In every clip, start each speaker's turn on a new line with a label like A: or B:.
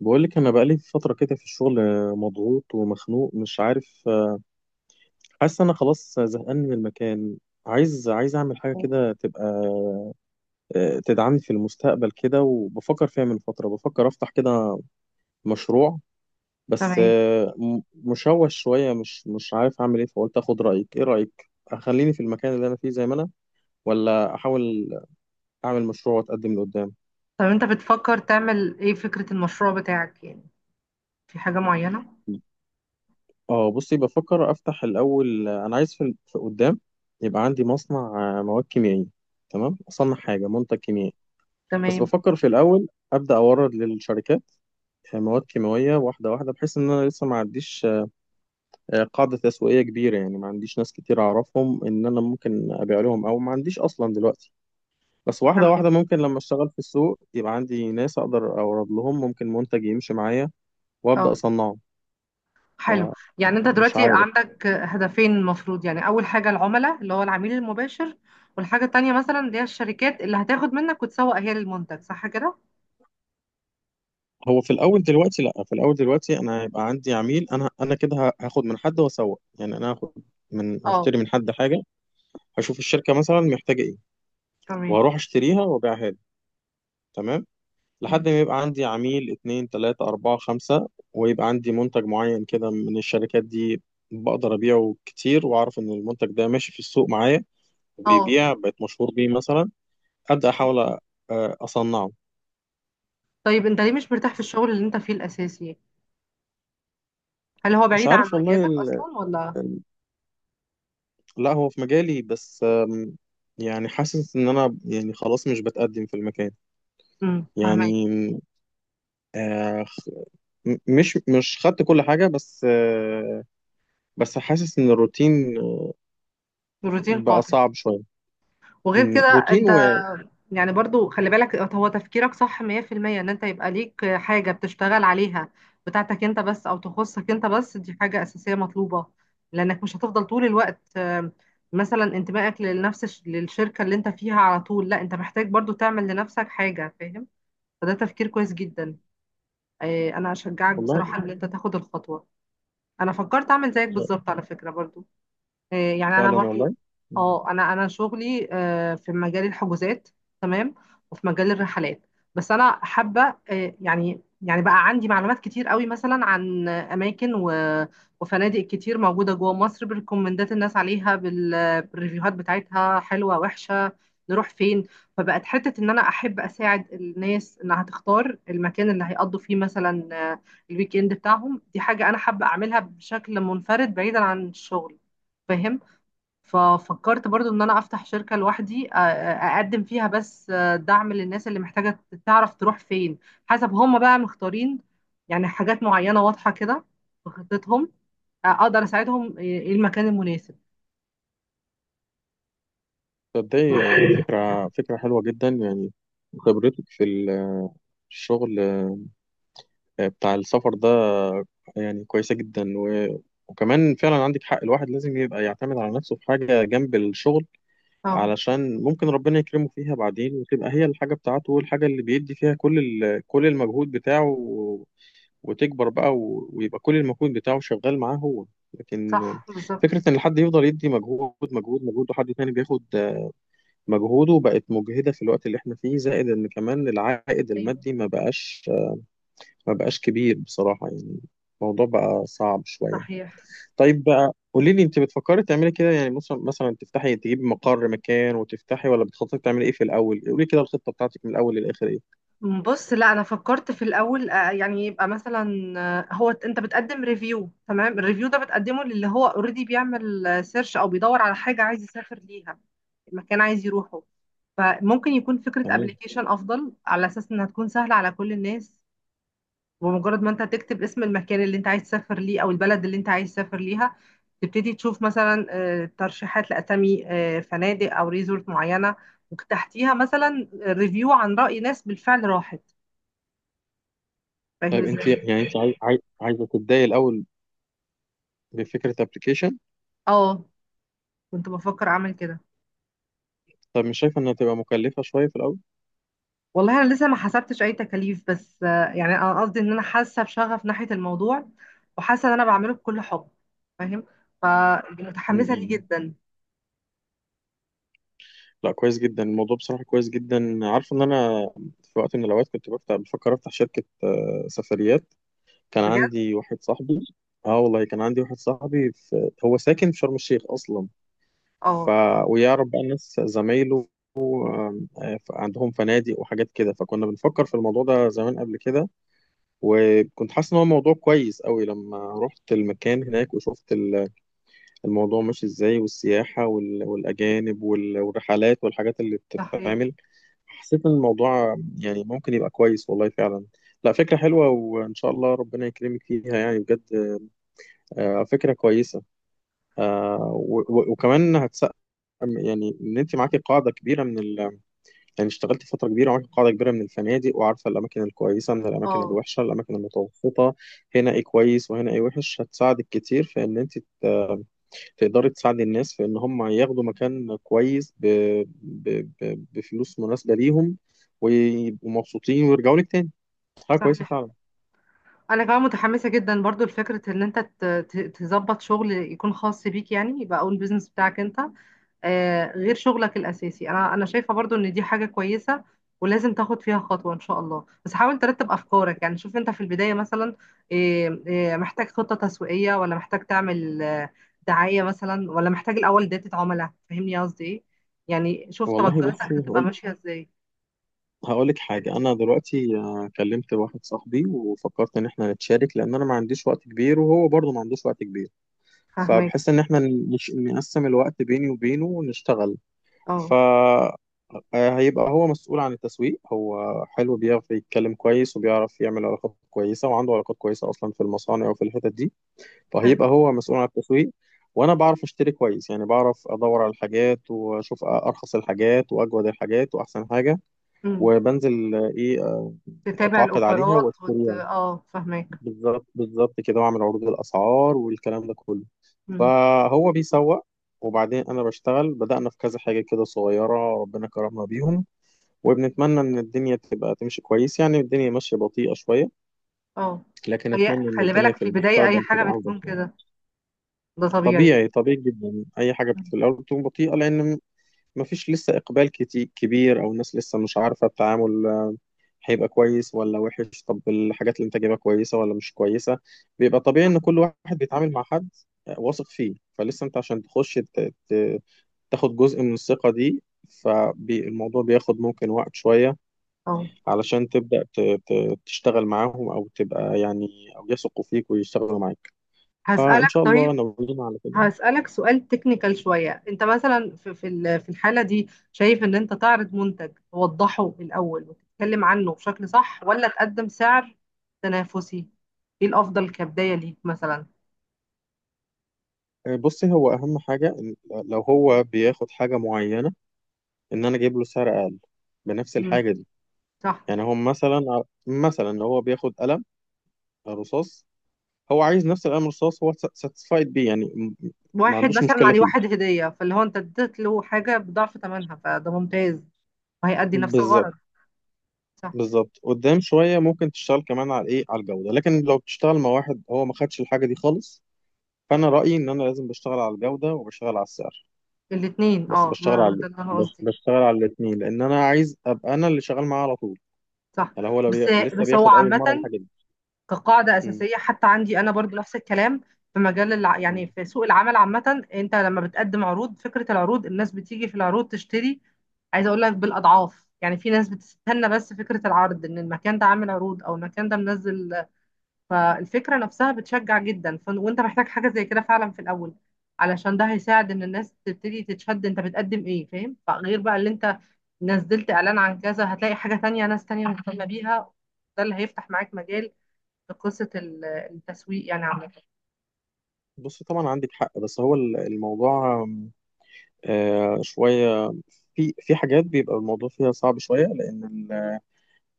A: بقول لك انا بقالي فتره كده في الشغل، مضغوط ومخنوق مش عارف، حاسس انا خلاص زهقان من المكان. عايز اعمل حاجه كده تبقى تدعمني في المستقبل كده، وبفكر فيها من فتره، بفكر افتح كده مشروع. بس
B: تمام.
A: مشوش شويه، مش عارف اعمل ايه، فقلت اخد رايك. ايه رايك، اخليني في المكان اللي انا فيه زي ما انا، ولا احاول اعمل مشروع واتقدم لقدام؟
B: طب انت بتفكر تعمل ايه فكرة المشروع بتاعك يعني؟ في حاجة معينة؟
A: اه بصي، بفكر افتح الاول. انا عايز في قدام يبقى عندي مصنع مواد كيميائيه. تمام، اصنع حاجه، منتج كيميائي. بس
B: تمام،
A: بفكر في الاول ابدا اورد للشركات مواد كيماويه واحده واحده، بحيث ان انا لسه ما عنديش قاعده تسويقيه كبيره، يعني ما عنديش ناس كتير اعرفهم ان انا ممكن ابيع لهم، او ما عنديش اصلا دلوقتي. بس واحده
B: تمام.
A: واحده، ممكن لما اشتغل في السوق يبقى عندي ناس اقدر اورد لهم، ممكن منتج يمشي معايا
B: اه،
A: وابدا اصنعه.
B: حلو. يعني انت
A: فمش
B: دلوقتي
A: عارف.
B: عندك هدفين، المفروض يعني اول حاجة العملاء، اللي هو العميل المباشر، والحاجة التانية مثلا اللي هي الشركات اللي هتاخد منك وتسوق هي للمنتج، صح كده؟
A: هو في الاول دلوقتي، لا في الاول دلوقتي انا هيبقى عندي عميل. انا كده هاخد من حد واسوق، يعني انا هاخد من،
B: اه،
A: هشتري من حد حاجه، هشوف الشركه مثلا محتاجه ايه،
B: تمام.
A: وهروح اشتريها وابيعها له. تمام.
B: مم.
A: لحد ما يبقى عندي عميل اتنين تلاته اربعه خمسه، ويبقى عندي منتج معين كده من الشركات دي، بقدر ابيعه كتير، واعرف ان المنتج ده ماشي في السوق معايا
B: اه،
A: وبيبيع، بقيت مشهور بيه مثلا، ابدا احاول اصنعه.
B: طيب انت ليه مش مرتاح في الشغل اللي انت فيه الاساسي يعني؟ هل هو
A: مش
B: بعيد عن
A: عارف والله.
B: مجالك اصلا ولا؟
A: لا هو في مجالي، بس يعني حاسس ان انا، يعني خلاص مش بتقدم في المكان.
B: فاهمك.
A: يعني آه، خ- مش خدت كل حاجة، بس بس حاسس ان الروتين
B: روتين
A: بقى
B: قاتل.
A: صعب شوية.
B: وغير كده
A: روتين
B: انت، يعني برضو خلي بالك، هو تفكيرك صح 100%، ان انت يبقى ليك حاجة بتشتغل عليها، بتاعتك انت بس، او تخصك انت بس، دي حاجة اساسية مطلوبة، لانك مش هتفضل طول الوقت مثلا انتمائك لنفس للشركة اللي انت فيها على طول. لا، انت محتاج برضو تعمل لنفسك حاجة، فاهم؟ فده تفكير كويس جدا. انا اشجعك
A: والله.
B: بصراحة ان انت تاخد الخطوة. انا فكرت اعمل زيك
A: آه،
B: بالظبط على فكرة برضو. يعني انا
A: فعلا
B: برضو.
A: والله. م،
B: اه، انا شغلي في مجال الحجوزات. تمام. وفي مجال الرحلات. بس انا حابه يعني بقى عندي معلومات كتير قوي مثلا عن اماكن وفنادق كتير موجوده جوه مصر، بريكومندات الناس عليها بالريفيوهات بتاعتها، حلوه، وحشه، نروح فين. فبقت حته ان انا احب اساعد الناس انها تختار المكان اللي هيقضوا فيه مثلا، الويك اند بتاعهم. دي حاجه انا حابه اعملها بشكل منفرد بعيدا عن الشغل، فاهم؟ ففكرت برضو ان انا افتح شركة لوحدي، اقدم فيها بس دعم للناس اللي محتاجة تعرف تروح فين، حسب هم بقى مختارين يعني حاجات معينة واضحة كده في خطتهم. اقدر اساعدهم ايه المكان المناسب.
A: تصدقي، فكرة حلوة جدا يعني. خبرتك في الشغل بتاع السفر ده، يعني كويسة جدا، وكمان فعلا عندك حق. الواحد لازم يبقى يعتمد على نفسه في حاجة جنب الشغل،
B: اه،
A: علشان ممكن ربنا يكرمه فيها بعدين، وتبقى هي الحاجة بتاعته، والحاجة اللي بيدي فيها كل كل المجهود بتاعه، وتكبر بقى، ويبقى كل المجهود بتاعه شغال معاه هو. لكن
B: صح
A: فكرة
B: بالظبط.
A: إن حد يفضل يدي مجهود مجهود مجهود وحد تاني بياخد مجهوده، بقت مجهدة في الوقت اللي احنا فيه، زائد إن كمان العائد
B: ايوه،
A: المادي ما بقاش كبير بصراحة يعني. الموضوع بقى صعب شوية.
B: صحيح.
A: طيب بقى قولي لي، انت بتفكري تعملي كده يعني، مثلا تفتحي، تجيبي مقر مكان وتفتحي، ولا بتخططي تعملي ايه في الاول؟ قولي لي كده الخطه بتاعتك من الاول للاخر ايه.
B: بص، لا انا فكرت في الاول يعني يبقى مثلا، هو انت بتقدم ريفيو، تمام؟ الريفيو ده بتقدمه للي هو اوريدي بيعمل سيرش او بيدور على حاجه عايز يسافر ليها، المكان عايز يروحه. فممكن يكون فكرة
A: تمام.
B: ابلكيشن افضل، على اساس انها تكون سهلة على كل الناس. بمجرد ما انت تكتب اسم المكان اللي انت عايز تسافر ليه او البلد اللي انت عايز تسافر ليها، تبتدي تشوف مثلا ترشيحات لاسامي فنادق او ريزورت معينة. وتحتيها مثلا ريفيو عن رأي ناس بالفعل راحت. فاهم
A: طيب انت
B: ازاي؟
A: يعني، انت عايزه تبداي الاول بفكره ابلكيشن؟
B: اه، كنت بفكر اعمل كده.
A: طب مش شايفه انها تبقى مكلفه شويه في الاول؟
B: والله انا لسه ما حسبتش اي تكاليف، بس يعني انا قصدي ان انا حاسه بشغف ناحيه الموضوع، وحاسه ان انا بعمله بكل حب، فاهم؟ فمتحمسه ليه
A: م-م.
B: جدا.
A: لا، كويس جدا الموضوع، بصراحه كويس جدا. عارفه ان انا في وقت من الاوقات كنت بفتح، بفكر افتح شركه سفريات. كان
B: بجد.
A: عندي واحد صاحبي. اه والله، كان عندي واحد صاحبي في... هو ساكن في شرم الشيخ اصلا. ف
B: اه،
A: ويعرف بقى ناس زمايله، عندهم فنادق وحاجات كده. فكنا بنفكر في الموضوع ده زمان قبل كده، وكنت حاسس ان هو موضوع كويس قوي. لما رحت المكان هناك وشفت الموضوع ماشي ازاي، والسياحة والاجانب والرحلات والحاجات اللي
B: صحيح.
A: بتتعمل، حسيت ان الموضوع يعني ممكن يبقى كويس، والله فعلا. لا، فكرة حلوة، وإن شاء الله ربنا يكرمك فيها يعني بجد. فكرة كويسة. وكمان هتسقم. يعني إن أنت معاكي قاعدة كبيرة من ال، يعني اشتغلت فترة كبيرة وعارف قاعدة كبيرة من الفنادق، وعارفة الأماكن الكويسة من الأماكن
B: اه،
A: الوحشة، الأماكن المتوسطة، هنا إيه كويس وهنا إيه وحش. هتساعدك كتير في إن أنت تقدري تساعدي الناس في إن هم ياخدوا مكان كويس ب... بفلوس مناسبة ليهم، ويبقوا مبسوطين ويرجعوا لك تاني. حاجة كويسة
B: صحيح.
A: فعلا.
B: انا كمان متحمسه جدا برضو لفكره ان انت تظبط شغل يكون خاص بيك، يعني يبقى اول بيزنس بتاعك انت، غير شغلك الأساسي. أنا شايفة برضو إن دي حاجة كويسة، ولازم تاخد فيها خطوة إن شاء الله. بس حاول ترتب أفكارك، يعني شوف أنت في البداية مثلا محتاج خطة تسويقية، ولا محتاج تعمل دعاية مثلا، ولا محتاج الأول داتا عملاء، فاهمني قصدي إيه؟ يعني شوف
A: والله
B: توجهاتك
A: بصي،
B: هتبقى
A: هقول
B: ماشية إزاي.
A: هقول لك حاجة. أنا دلوقتي كلمت واحد صاحبي، وفكرت إن إحنا نتشارك، لأن أنا ما عنديش وقت كبير، وهو برضه ما عندوش وقت كبير.
B: فاهمك.
A: فبحس ان احنا نقسم الوقت بيني وبينه ونشتغل. ف
B: أه،
A: آه، هيبقى هو مسؤول عن التسويق. هو حلو، بيعرف يتكلم كويس، وبيعرف يعمل علاقات كويسة، وعنده علاقات كويسة أصلا في المصانع وفي الحتت دي،
B: حلو.
A: فهيبقى هو مسؤول عن التسويق. وأنا بعرف أشتري كويس، يعني بعرف أدور على الحاجات، وأشوف أرخص الحاجات وأجود الحاجات وأحسن حاجة.
B: أمم.
A: وبنزل آه، إيه آه،
B: تتابع
A: أتعاقد عليها
B: الأوفرات
A: وأشتريها،
B: أه، فاهمك.
A: بالظبط بالظبط كده، وأعمل عروض الأسعار والكلام ده كله.
B: أمم.
A: فهو بيسوق، وبعدين انا بشتغل. بدأنا في كذا حاجة كده صغيرة، ربنا كرمنا بيهم، وبنتمنى ان الدنيا تبقى تمشي كويس. يعني الدنيا ماشية بطيئة شوية،
B: أه،
A: لكن اتمنى ان
B: خلي
A: الدنيا
B: بالك
A: في
B: في البداية أي
A: المستقبل تبقى
B: حاجة
A: افضل
B: بتكون
A: يعني.
B: كده، ده طبيعي.
A: طبيعي طبيعي جدا، اي حاجة
B: مم.
A: في الاول بتكون بطيئة، لان ما فيش لسه اقبال كتير كبير، او الناس لسه مش عارفة التعامل، هيبقى كويس ولا وحش، طب الحاجات اللي انت جايبها كويسة ولا مش كويسة. بيبقى طبيعي ان
B: صح.
A: كل واحد بيتعامل مع حد واثق فيه، فلسه انت عشان تخش تاخد جزء من الثقة دي، فالموضوع بياخد ممكن وقت شوية
B: أه،
A: علشان تبدأ تشتغل معاهم، أو تبقى يعني، أو يثقوا فيك ويشتغلوا معاك. فإن
B: هسألك
A: شاء
B: طيب.
A: الله ناويين على كده.
B: هسألك سؤال تكنيكال شوية، انت مثلا في في الحالة دي شايف ان انت تعرض منتج توضحه الأول وتتكلم عنه بشكل صح، ولا تقدم سعر تنافسي؟ ايه الأفضل كبداية ليك مثلا؟
A: بصي، هو أهم حاجة إن لو هو بياخد حاجة معينة، إن أنا أجيب له سعر أقل بنفس
B: مم.
A: الحاجة دي.
B: صح.
A: يعني هو مثلا لو هو بياخد قلم رصاص، هو عايز نفس القلم الرصاص، هو ساتسفايد بيه، يعني ما
B: واحد
A: عندوش
B: مثلا
A: مشكلة
B: عليه
A: فيه.
B: واحد هدية، فاللي هو انت اديت له حاجة بضعف ثمنها، فده ممتاز. وهيأدي نفس
A: بالظبط
B: الغرض. صح،
A: بالظبط. قدام شويه ممكن تشتغل كمان على ايه، على الجوده، لكن لو بتشتغل مع واحد هو ما خدش الحاجه دي خالص، فانا رايي ان انا لازم بشتغل على الجوده وبشتغل على السعر.
B: الاتنين.
A: بس
B: اه،
A: بشتغل
B: ما
A: على
B: ده اللي انا
A: بش-
B: قصدي.
A: بشتغل على الاثنين، لان انا عايز ابقى انا اللي شغال معاه على طول.
B: صح.
A: يعني هو لو
B: بس
A: لسه
B: بس هو
A: بياخد اول
B: عامة
A: مره الحاجه دي.
B: كقاعدة
A: مم.
B: أساسية، حتى عندي أنا برضو نفس الكلام. في مجال يعني
A: مم.
B: في سوق العمل عامة، أنت لما بتقدم عروض، فكرة العروض الناس بتيجي في العروض تشتري. عايزة أقول لك بالأضعاف. يعني في ناس بتستنى بس فكرة العرض، إن المكان ده عامل عروض أو المكان ده منزل. فالفكرة نفسها بتشجع جدا. وأنت محتاج حاجة زي كده فعلا في الأول، علشان ده هيساعد إن الناس تبتدي تتشد. أنت بتقدم إيه، فاهم؟ فغير بقى اللي أنت نزلت إعلان عن كذا، هتلاقي حاجة تانية، ناس تانية مهتمة بيها. ده اللي هيفتح معاك مجال لقصة التسويق، يعني عامة.
A: بص طبعا عندك حق. بس هو الموضوع آم، آه شويه، في حاجات بيبقى الموضوع فيها صعب شويه، لان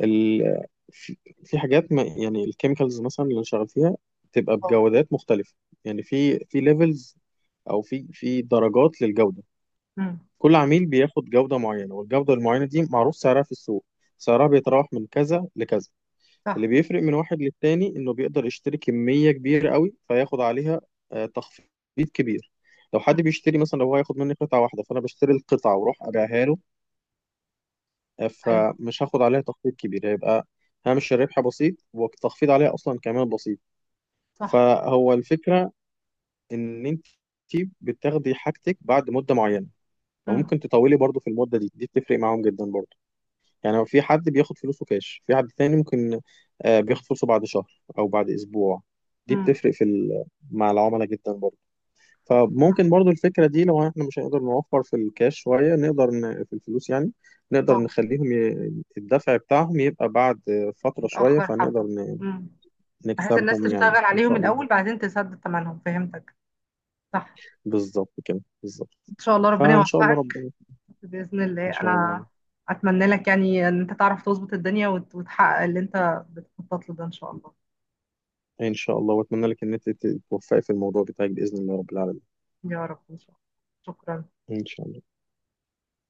A: ال... في في حاجات، ما يعني الكيميكالز مثلا اللي شغال فيها بتبقى
B: اه.
A: بجودات مختلفة. يعني في ليفلز، او في درجات للجودة.
B: مم.
A: كل عميل بياخد جودة معينة، والجودة المعينة دي معروف سعرها في السوق، سعرها بيتراوح من كذا لكذا. اللي
B: صح.
A: بيفرق من واحد للتاني انه بيقدر يشتري كمية كبيرة قوي، فياخد عليها تخفيض كبير. لو حد
B: مم.
A: بيشتري مثلا، لو هو هياخد مني قطعة واحدة، فأنا بشتري القطعة وأروح أبيعها له،
B: أيوة.
A: فمش هاخد عليها تخفيض كبير، هيبقى هامش الربح بسيط، والتخفيض عليها اصلا كمان بسيط.
B: صح.
A: فهو الفكره ان انت بتاخدي حاجتك بعد مده معينه،
B: مم.
A: فممكن تطولي برضو في المده دي، دي بتفرق معاهم جدا برضو. يعني في حد بياخد فلوسه كاش، في حد تاني ممكن بياخد فلوسه بعد شهر او بعد اسبوع، دي
B: مم.
A: بتفرق في مع العملاء جدا برضو. فممكن برضو الفكرة دي، لو احنا مش هنقدر نوفر في الكاش شوية، نقدر في الفلوس يعني، نقدر
B: اه،
A: نخليهم الدفع بتاعهم يبقى بعد فترة شوية،
B: متأخر
A: فنقدر
B: حبة. مم. بحيث الناس
A: نكسبهم يعني
B: تشتغل
A: ان
B: عليهم
A: شاء الله.
B: الأول بعدين تسدد ثمنهم، فهمتك. صح.
A: بالظبط كده بالظبط.
B: إن شاء الله ربنا
A: فان شاء الله
B: يوفقك.
A: ربنا.
B: بإذن
A: ان
B: الله.
A: شاء
B: أنا
A: الله.
B: أتمنى لك يعني إن أنت تعرف تظبط الدنيا، وتحقق اللي أنت بتخطط له ده إن شاء الله.
A: ان شاء الله، واتمنى لك ان انت تتوفقي في الموضوع بتاعك باذن الله رب العالمين.
B: يا رب، إن شاء الله. شكرا.
A: ان شاء الله.